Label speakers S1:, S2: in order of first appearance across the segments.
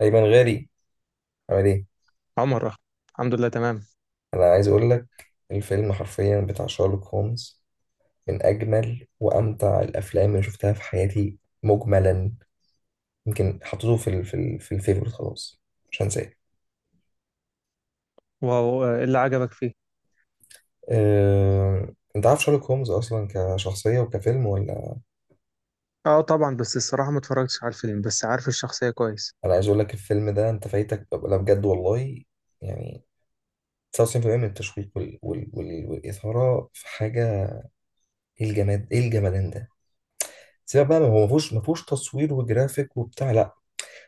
S1: أيمن غالي، عامل إيه؟
S2: عمر أخ. الحمد لله تمام.
S1: أنا عايز أقول لك، الفيلم حرفيا بتاع شارلوك هولمز من أجمل وأمتع الأفلام اللي شفتها في حياتي مجملا. يمكن حطيته في الفيفوريت خلاص، مش هنساه.
S2: واو آه، إيه اللي عجبك فيه؟
S1: أنت عارف شارلوك هولمز أصلا كشخصية وكفيلم ولا؟
S2: اه طبعا، بس الصراحة ما اتفرجتش على الفيلم، بس عارف الشخصية كويس.
S1: أنا عايز أقول لك، الفيلم ده أنت فايتك، لا بجد والله. يعني 99% من التشويق والإثارة في حاجة. إيه الجماد، إيه الجمدان ده؟ سيبك بقى، ما هو ما فيهوش تصوير وجرافيك وبتاع، لا.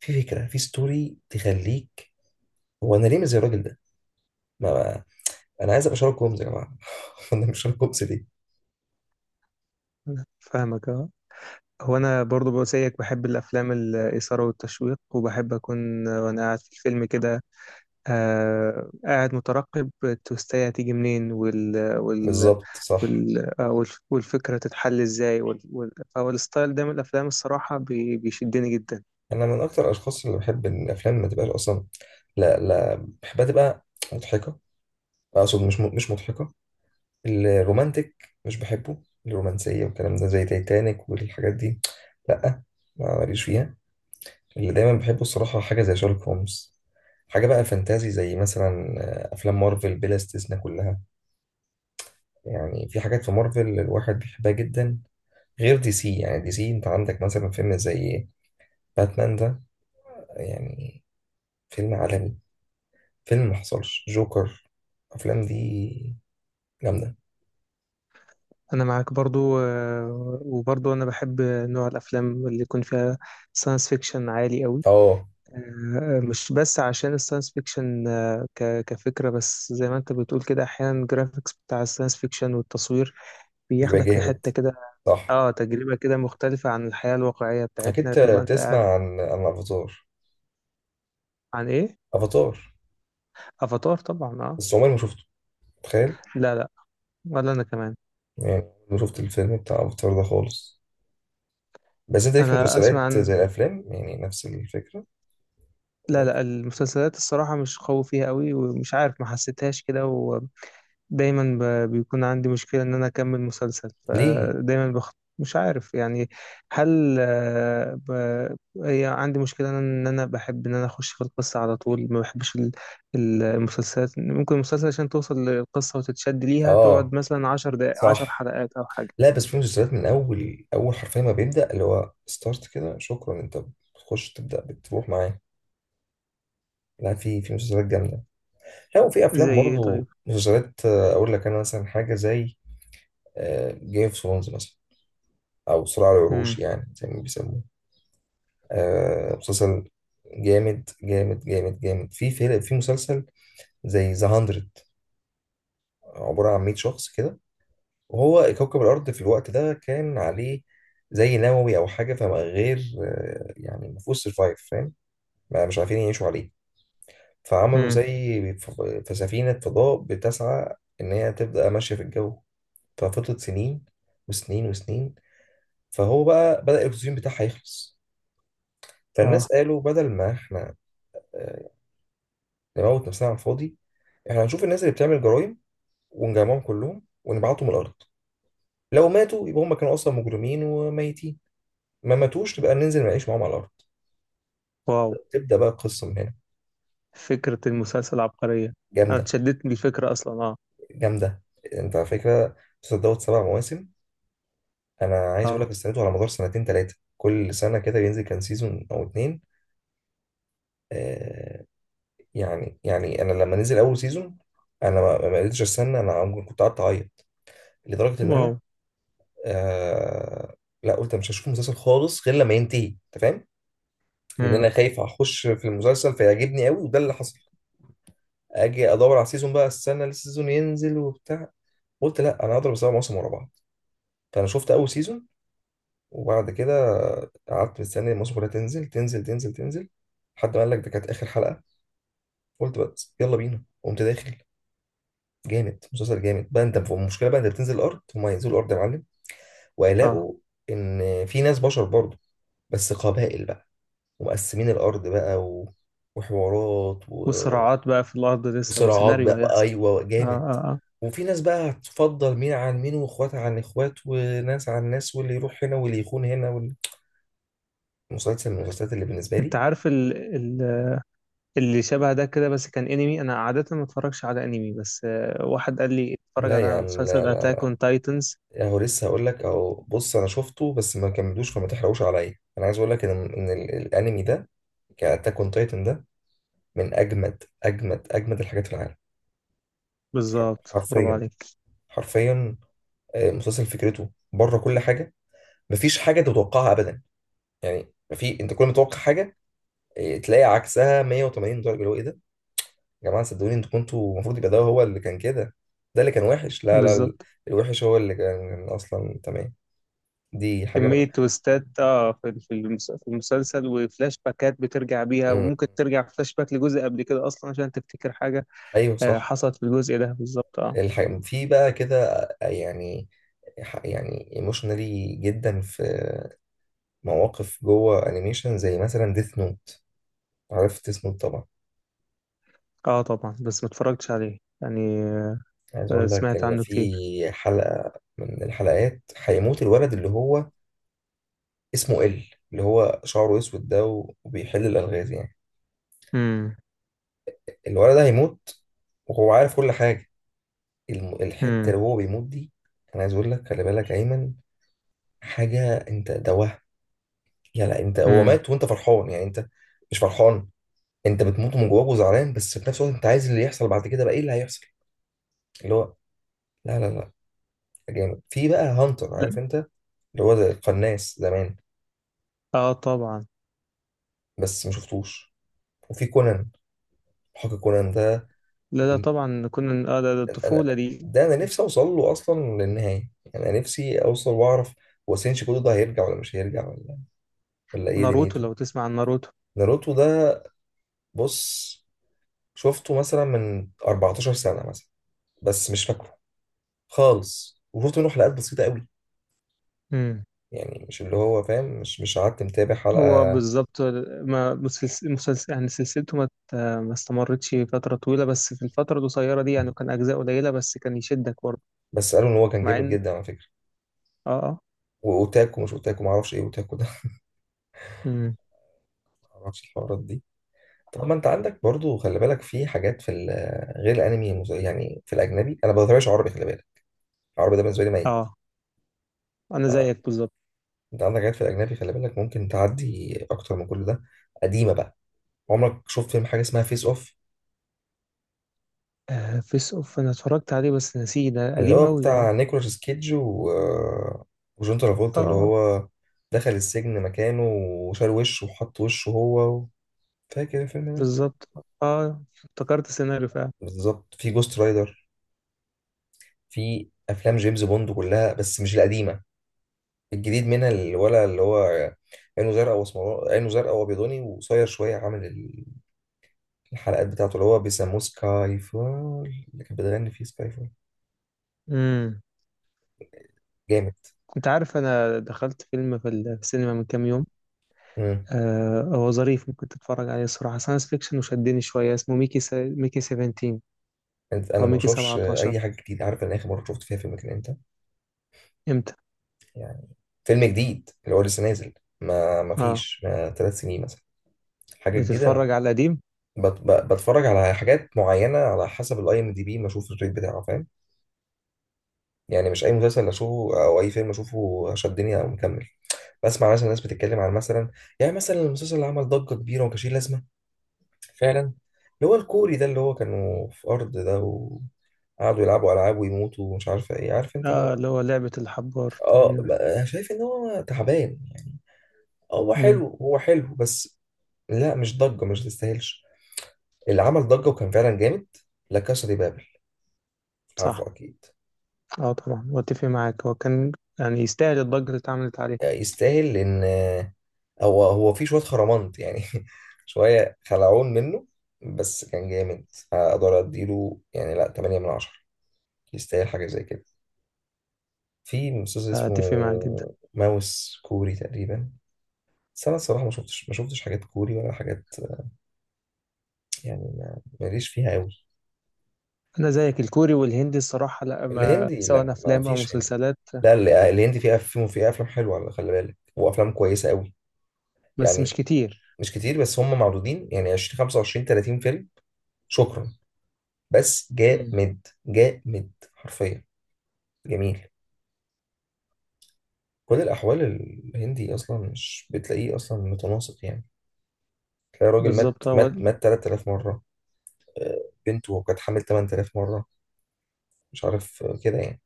S1: في فكره، في ستوري تخليك. هو انا ليه مش زي الراجل ده؟ ما انا عايز ابقى شارلوك هومز يا جماعه. انا مش شارلوك هومز ليه؟
S2: فاهمك، اه. هو انا برضو بقول زيك، بحب الافلام الاثارة والتشويق، وبحب اكون وانا قاعد في الفيلم كده آه، قاعد مترقب التوستاية هتيجي منين
S1: بالظبط صح.
S2: والفكرة تتحل ازاي فهو الستايل ده من الافلام الصراحة بيشدني جدا.
S1: انا من اكتر الاشخاص اللي بحب ان الافلام ما تبقاش اصلا، لا لا، بحبها تبقى مضحكه. اقصد مش مش مضحكه، الرومانتك مش بحبه، الرومانسيه والكلام ده زي تايتانيك والحاجات دي، لا ما ماليش فيها. اللي دايما بحبه الصراحه حاجه زي شارلوك هومز، حاجه بقى فانتازي زي مثلا افلام مارفل بلا استثناء كلها. يعني في حاجات في مارفل الواحد بيحبها جدا غير دي سي. يعني دي سي انت عندك مثلا فيلم زي باتمان ده، يعني فيلم عالمي، فيلم محصلش، جوكر، الافلام دي جامده.
S2: انا معاك برضو آه، وبرضو انا بحب نوع الافلام اللي يكون فيها ساينس فيكشن عالي قوي.
S1: اه،
S2: مش بس عشان الساينس فيكشن آه، كفكرة، بس زي ما انت بتقول كده احيانا الجرافيكس بتاع الساينس فيكشن والتصوير
S1: بيبقى
S2: بياخدك في
S1: جامد،
S2: حتة كده.
S1: صح.
S2: اه، تجربة كده مختلفة عن الحياة الواقعية
S1: اكيد،
S2: بتاعتنا، بتبقى انت قاعد.
S1: تسمع عن افاتار؟
S2: عن ايه؟
S1: افاتار،
S2: افاتار طبعا، اه.
S1: بس عمري ما شفته، تخيل.
S2: لا لا، ولا انا كمان.
S1: يعني ما شفت الفيلم بتاع افاتار ده خالص. بس انت ليك في
S2: انا اسمع
S1: مسلسلات
S2: عن...
S1: زي الافلام، يعني نفس الفكره.
S2: لا لا، المسلسلات الصراحة مش قوي فيها قوي، ومش عارف، ما حسيتهاش كده. دايما بيكون عندي مشكلة ان انا اكمل مسلسل،
S1: ليه؟
S2: فدايما بخ... مش عارف يعني. هل آه، ب... هي عندي مشكلة ان انا بحب ان انا اخش في القصة على طول، ما بحبش المسلسلات. ممكن المسلسل عشان توصل للقصة وتتشد ليها
S1: اه
S2: تقعد مثلا عشر دقائق، عشر
S1: صح.
S2: حلقات او حاجة.
S1: لا بس في مسلسلات من اول اول حرفيا ما بيبدا اللي هو ستارت كده، شكرا انت، بتخش تبدا بتروح معاه. لا في مسلسلات جامده، لا وفي
S2: زي
S1: افلام
S2: ايه طيب؟
S1: برضو مسلسلات. اقول لك انا مثلا حاجه زي جيم اوف ثرونز مثلا، او صراع العروش
S2: امم.
S1: يعني زي ما بيسموه. مسلسل جامد جامد جامد جامد. في فيلم، في مسلسل زي ذا 100، عباره عن 100 شخص كده، وهو كوكب الارض في الوقت ده كان عليه زي نووي او حاجه فما غير. يعني ما فيهوش سرفايف، ما مش عارفين يعيشوا عليه. فعملوا
S2: امم.
S1: زي في سفينة فضاء بتسعى إن هي تبدأ ماشية في الجو. ففضلت سنين وسنين وسنين، فهو بقى بدأ الأكسجين بتاعها يخلص. فالناس
S2: اه.
S1: قالوا بدل ما إحنا آه، نموت نفسنا على الفاضي، إحنا هنشوف الناس اللي بتعمل جرائم ونجمعهم كلهم ونبعتهم الأرض. لو ماتوا يبقى هم كانوا أصلا مجرمين وميتين، ما ماتوش نبقى ننزل نعيش معاهم على الأرض.
S2: واو،
S1: تبدأ بقى القصة من هنا.
S2: فكرة المسلسل عبقرية. انا
S1: جامدة
S2: اتشددت من الفكرة اصلا، اه.
S1: جامدة. أنت على فكرة، مسلسل دوت سبع مواسم. انا عايز اقول لك،
S2: اه.
S1: استنيته على مدار سنتين ثلاثه، كل سنه كده بينزل كان سيزون او اتنين. آه، يعني يعني انا لما نزل اول سيزون انا ما قدرتش استنى، انا ممكن كنت قعدت اعيط لدرجه ان
S2: واو.
S1: انا، آه، لا قلت مش هشوف المسلسل خالص غير لما ينتهي، انت فاهم؟ لان انا
S2: امم.
S1: خايف اخش في المسلسل فيعجبني قوي وده اللي حصل. اجي ادور على السيزون بقى، استنى السيزون ينزل وبتاع. قلت لا، انا هضرب سبع مواسم ورا بعض. فانا شفت اول سيزون، وبعد كده قعدت مستني الماتش كلها تنزل تنزل تنزل تنزل، لحد ما قال لك ده كانت اخر حلقه. قلت بس يلا بينا، قمت داخل. جامد مسلسل جامد بقى. انت المشكله بقى، انت بتنزل الارض هم ينزلوا الارض يا معلم،
S2: اه.
S1: وهيلاقوا ان في ناس بشر برضه، بس قبائل بقى ومقسمين الارض بقى، و... وحوارات، و...
S2: وصراعات بقى في الأرض لسه،
S1: وصراعات
S2: وسيناريو
S1: بقى،
S2: هيحصل.
S1: ايوه
S2: آه
S1: جامد.
S2: آه آه.
S1: وفي ناس بقى هتفضل مين عن مين واخوات عن اخوات وناس عن ناس واللي يروح هنا واللي يخون هنا واللي... مسلسل من المسلسلات اللي بالنسبه
S2: أنت
S1: لي.
S2: عارف اللي شبه ده كده، بس كان أنمي. أنا عادة ما اتفرجش على أنمي، بس آه، واحد قال لي اتفرج
S1: لا يا
S2: على
S1: عم لا،
S2: مسلسل أتاك أون تايتنز.
S1: اهو لسه هقول لك، اهو بص انا شفته بس ما كملوش فما تحرقوش عليا. انا عايز اقول لك ان ان ال- الانمي ده، كاتاك اون تايتن ده، من اجمد اجمد اجمد الحاجات في العالم.
S2: بالظبط، برافو
S1: حرفيا
S2: عليك.
S1: حرفيا. مسلسل فكرته بره كل حاجه، مفيش حاجه أنت تتوقعها ابدا. يعني في انت كل ما تتوقع حاجه تلاقي عكسها 180 درجه، اللي هو ايه ده يا جماعه، صدقوني انتوا كنتوا المفروض يبقى ده هو اللي كان كده، ده اللي كان وحش. لا لا،
S2: بالظبط.
S1: الوحش هو اللي كان اصلا تمام. دي حاجه
S2: كمية تويستات، اه، في في المسلسل، وفلاش باكات بترجع بيها،
S1: مم.
S2: وممكن ترجع فلاش باك لجزء قبل كده أصلا عشان تفتكر حاجة.
S1: ايوه
S2: آه،
S1: صح.
S2: حصلت في الجزء ده بالظبط، اه.
S1: في بقى كده يعني، يعني ايموشنالي جدا، في مواقف جوه انيميشن زي مثلا ديث نوت. عرفت ديث نوت طبعا؟
S2: اه طبعا، بس ما اتفرجتش عليه يعني آه.
S1: عايز
S2: آه،
S1: اقول لك
S2: سمعت
S1: ان
S2: عنه كتير.
S1: في حلقة من الحلقات هيموت الولد اللي هو، اسمه ال، اللي هو شعره اسود ده وبيحل الالغاز يعني.
S2: امم.
S1: الولد ده هيموت وهو عارف كل حاجة. الحتة
S2: امم.
S1: اللي هو بيموت دي، انا عايز اقول لك خلي بالك ايمن، حاجة. انت ده وهم يعني. لا، انت هو
S2: امم.
S1: مات وانت فرحان يعني، انت مش فرحان، انت بتموت من جواك وزعلان، بس في نفس الوقت انت عايز اللي يحصل بعد كده بقى ايه اللي هيحصل اللي هو، لا لا لا، جامد. في بقى هانتر،
S2: لا.
S1: عارف انت؟ اللي هو زي القناص زمان،
S2: اه طبعا.
S1: بس ما شفتوش. وفي كونان، حق كونان ده
S2: لا لا
S1: اللي-
S2: طبعا، كنا اه، ده
S1: انا،
S2: الطفولة دي.
S1: ده انا نفسي اوصل له اصلا للنهايه، يعني انا نفسي اوصل واعرف هو سينشي كودو ده هيرجع ولا مش هيرجع ولا ولا ايه
S2: ناروتو،
S1: دنيته.
S2: لو تسمع عن ناروتو.
S1: ناروتو ده بص، شفته مثلا من 14 سنه مثلا بس مش فاكره خالص، وشفت منه حلقات بسيطه قوي،
S2: امم.
S1: يعني مش اللي هو فاهم، مش قعدت متابع حلقة.
S2: هو بالظبط. ما مسلسل يعني، سلسلته ما استمرتش فترة طويلة، بس في الفترة القصيرة دي يعني كان أجزاء قليلة، بس كان يشدك برضه.
S1: بس قالوا ان هو كان
S2: مع
S1: جامد
S2: إن...
S1: جدا على فكرة.
S2: آه آه.
S1: واوتاكو مش اوتاكو، ما اعرفش ايه اوتاكو ده.
S2: امم.
S1: ما اعرفش الحوارات دي. طب ما انت عندك برضو خلي بالك في حاجات في غير الانمي، يعني في الاجنبي، انا ما بتابعش عربي خلي بالك، العربي ده بالنسبه لي ميت.
S2: آه. أنا
S1: آه،
S2: زيك بالظبط.
S1: انت عندك حاجات في الاجنبي خلي بالك، ممكن تعدي اكتر من كل ده. قديمه بقى، عمرك شفت فيلم حاجه اسمها فيس اوف؟
S2: آه، فيس أوف، أنا اتفرجت عليه بس نسيه، ده
S1: اللي
S2: قديم
S1: هو
S2: أوي آه.
S1: بتاع نيكولاس كيدج و... وجون
S2: آه
S1: ترافولتا، اللي
S2: آه،
S1: هو دخل السجن مكانه وشال وشه وحط وشه هو. فاكر الفيلم ده؟
S2: بالظبط. آه، افتكرت السيناريو فعلا.
S1: بالظبط. في جوست رايدر، في افلام جيمس بوند كلها بس مش القديمه، الجديد منها، اللي ولا اللي هو عينه زرقاء واسمراني، عينه زرقاء وابيضاني وقصير شويه عامل الحلقات بتاعته، اللي هو بيسموه سكاي فول، اللي كانت بتغني فيه سكاي فول.
S2: امم.
S1: جامد.
S2: أنت عارف أنا دخلت فيلم في السينما من كام يوم؟
S1: امم،
S2: آه، هو ظريف، ممكن تتفرج عليه الصراحة، ساينس فيكشن وشدني شوية، اسمه ميكي 17،
S1: انا
S2: أو
S1: ما
S2: ميكي
S1: بشوفش
S2: 17.
S1: اي حاجه جديده. عارف انا اخر مره شفت فيها فيلم كان امتى؟
S2: إمتى؟
S1: يعني فيلم جديد اللي هو لسه نازل، ما ما
S2: آه.
S1: فيش ما ثلاث سنين مثلا، حاجه جديده. ما
S2: بتتفرج على القديم؟
S1: بتفرج على حاجات معينه على حسب الاي ام دي بي، ما اشوف الريت بتاعه، فاهم؟ يعني مش اي مسلسل اشوفه او اي فيلم اشوفه شدني او مكمل، بسمع مثلا ناس بتتكلم عن مثلا، يعني مثلا المسلسل اللي عمل ضجه كبيره وما كانش ليه لازمه فعلا، اللي هو الكوري ده، اللي هو كانوا في ارض ده وقعدوا يلعبوا العاب ويموتوا ومش عارفه ايه، عارف انت اللي
S2: آه،
S1: هو،
S2: اللي هو لعبة الحبار
S1: اه،
S2: تقريبا.
S1: أنا شايف ان هو تعبان يعني، هو
S2: امم.
S1: حلو هو حلو بس لا مش ضجه، مش تستاهلش. اللي عمل ضجه وكان فعلا جامد، لا كاسا دي بابل،
S2: صح.
S1: عارفه اكيد.
S2: آه طبعا، وأتفق معاك، هو كان يعني يستاهل الضجة اللي اتعملت عليه.
S1: يستاهل لان هو في شويه خرمانت يعني شويه خلعون منه، بس كان جامد، فاقدر اديله يعني، لا 8 من 10، يستاهل حاجه زي كده. في مسلسل
S2: آه،
S1: اسمه
S2: أتفق معاك جدا.
S1: ماوس كوري تقريبا، بس انا الصراحه ما شفتش حاجات كوري ولا حاجات، يعني ماليش فيها قوي.
S2: أنا زيك، الكوري والهندي الصراحة لا، ما
S1: الهندي
S2: سواء
S1: لا ما
S2: أفلام أو
S1: فيش هندي،
S2: مسلسلات.
S1: لا الهندي فيه افلام، فيه افلام حلوه على خلي بالك وافلام كويسه قوي.
S2: بس مش
S1: يعني
S2: كتير.
S1: مش كتير، بس هم معدودين يعني 20 25 30 فيلم، شكرا، بس
S2: امم.
S1: جامد جامد حرفيا. جميل كل الأحوال. الهندي أصلا مش بتلاقيه أصلا متناسق يعني، تلاقي راجل مات
S2: بالظبط، هو...
S1: مات مات 3000 مرة، بنته كانت حامل 8000 مرة، مش عارف كده يعني.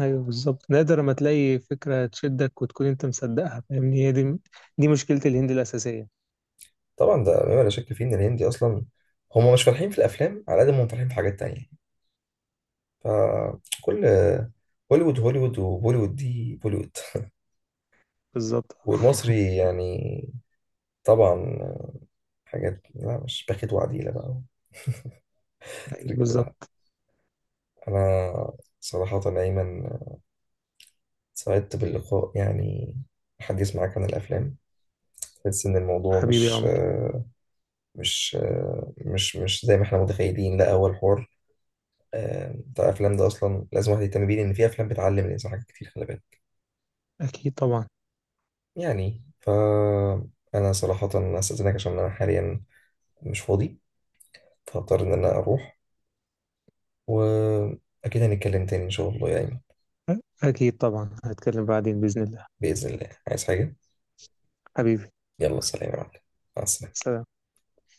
S2: ايوه بالظبط، نادر ما تلاقي فكره تشدك وتكون انت مصدقها، فاهمني؟ هي دي، دي مشكله الهند الاساسيه.
S1: طبعا ده مما لا شك فيه إن الهندي أصلا هم مش فالحين في الأفلام على قد ما هم فالحين في حاجات تانية. فكل، هوليوود هوليوود، وبوليوود دي بوليوود.
S2: بالظبط
S1: والمصري يعني، طبعا، حاجات لا، مش باخد وعديلة بقى.
S2: ايوه
S1: ترجع،
S2: بالظبط.
S1: أنا صراحة أيمن سعدت باللقاء يعني، الحديث معاك عن الأفلام تحس إن الموضوع
S2: حبيبي يا عمر.
S1: مش مش زي ما إحنا متخيلين. لا أول حوار، بتاع الأفلام ده أصلا لازم واحد يهتم بيه لأن في أفلام بتعلم الإنسان حاجات كتير خلي بالك.
S2: اكيد طبعا.
S1: يعني فأنا صراحة أستأذنك عشان أنا حاليا مش فاضي، فهضطر إن أنا أروح، وأكيد هنتكلم تاني إن شاء الله يا أيمن.
S2: اكيد طبعا، هتكلم بعدين باذن الله.
S1: بإذن الله، عايز حاجة؟
S2: حبيبي.
S1: يلا سلام يا معلم، مع السلامة.
S2: سلام.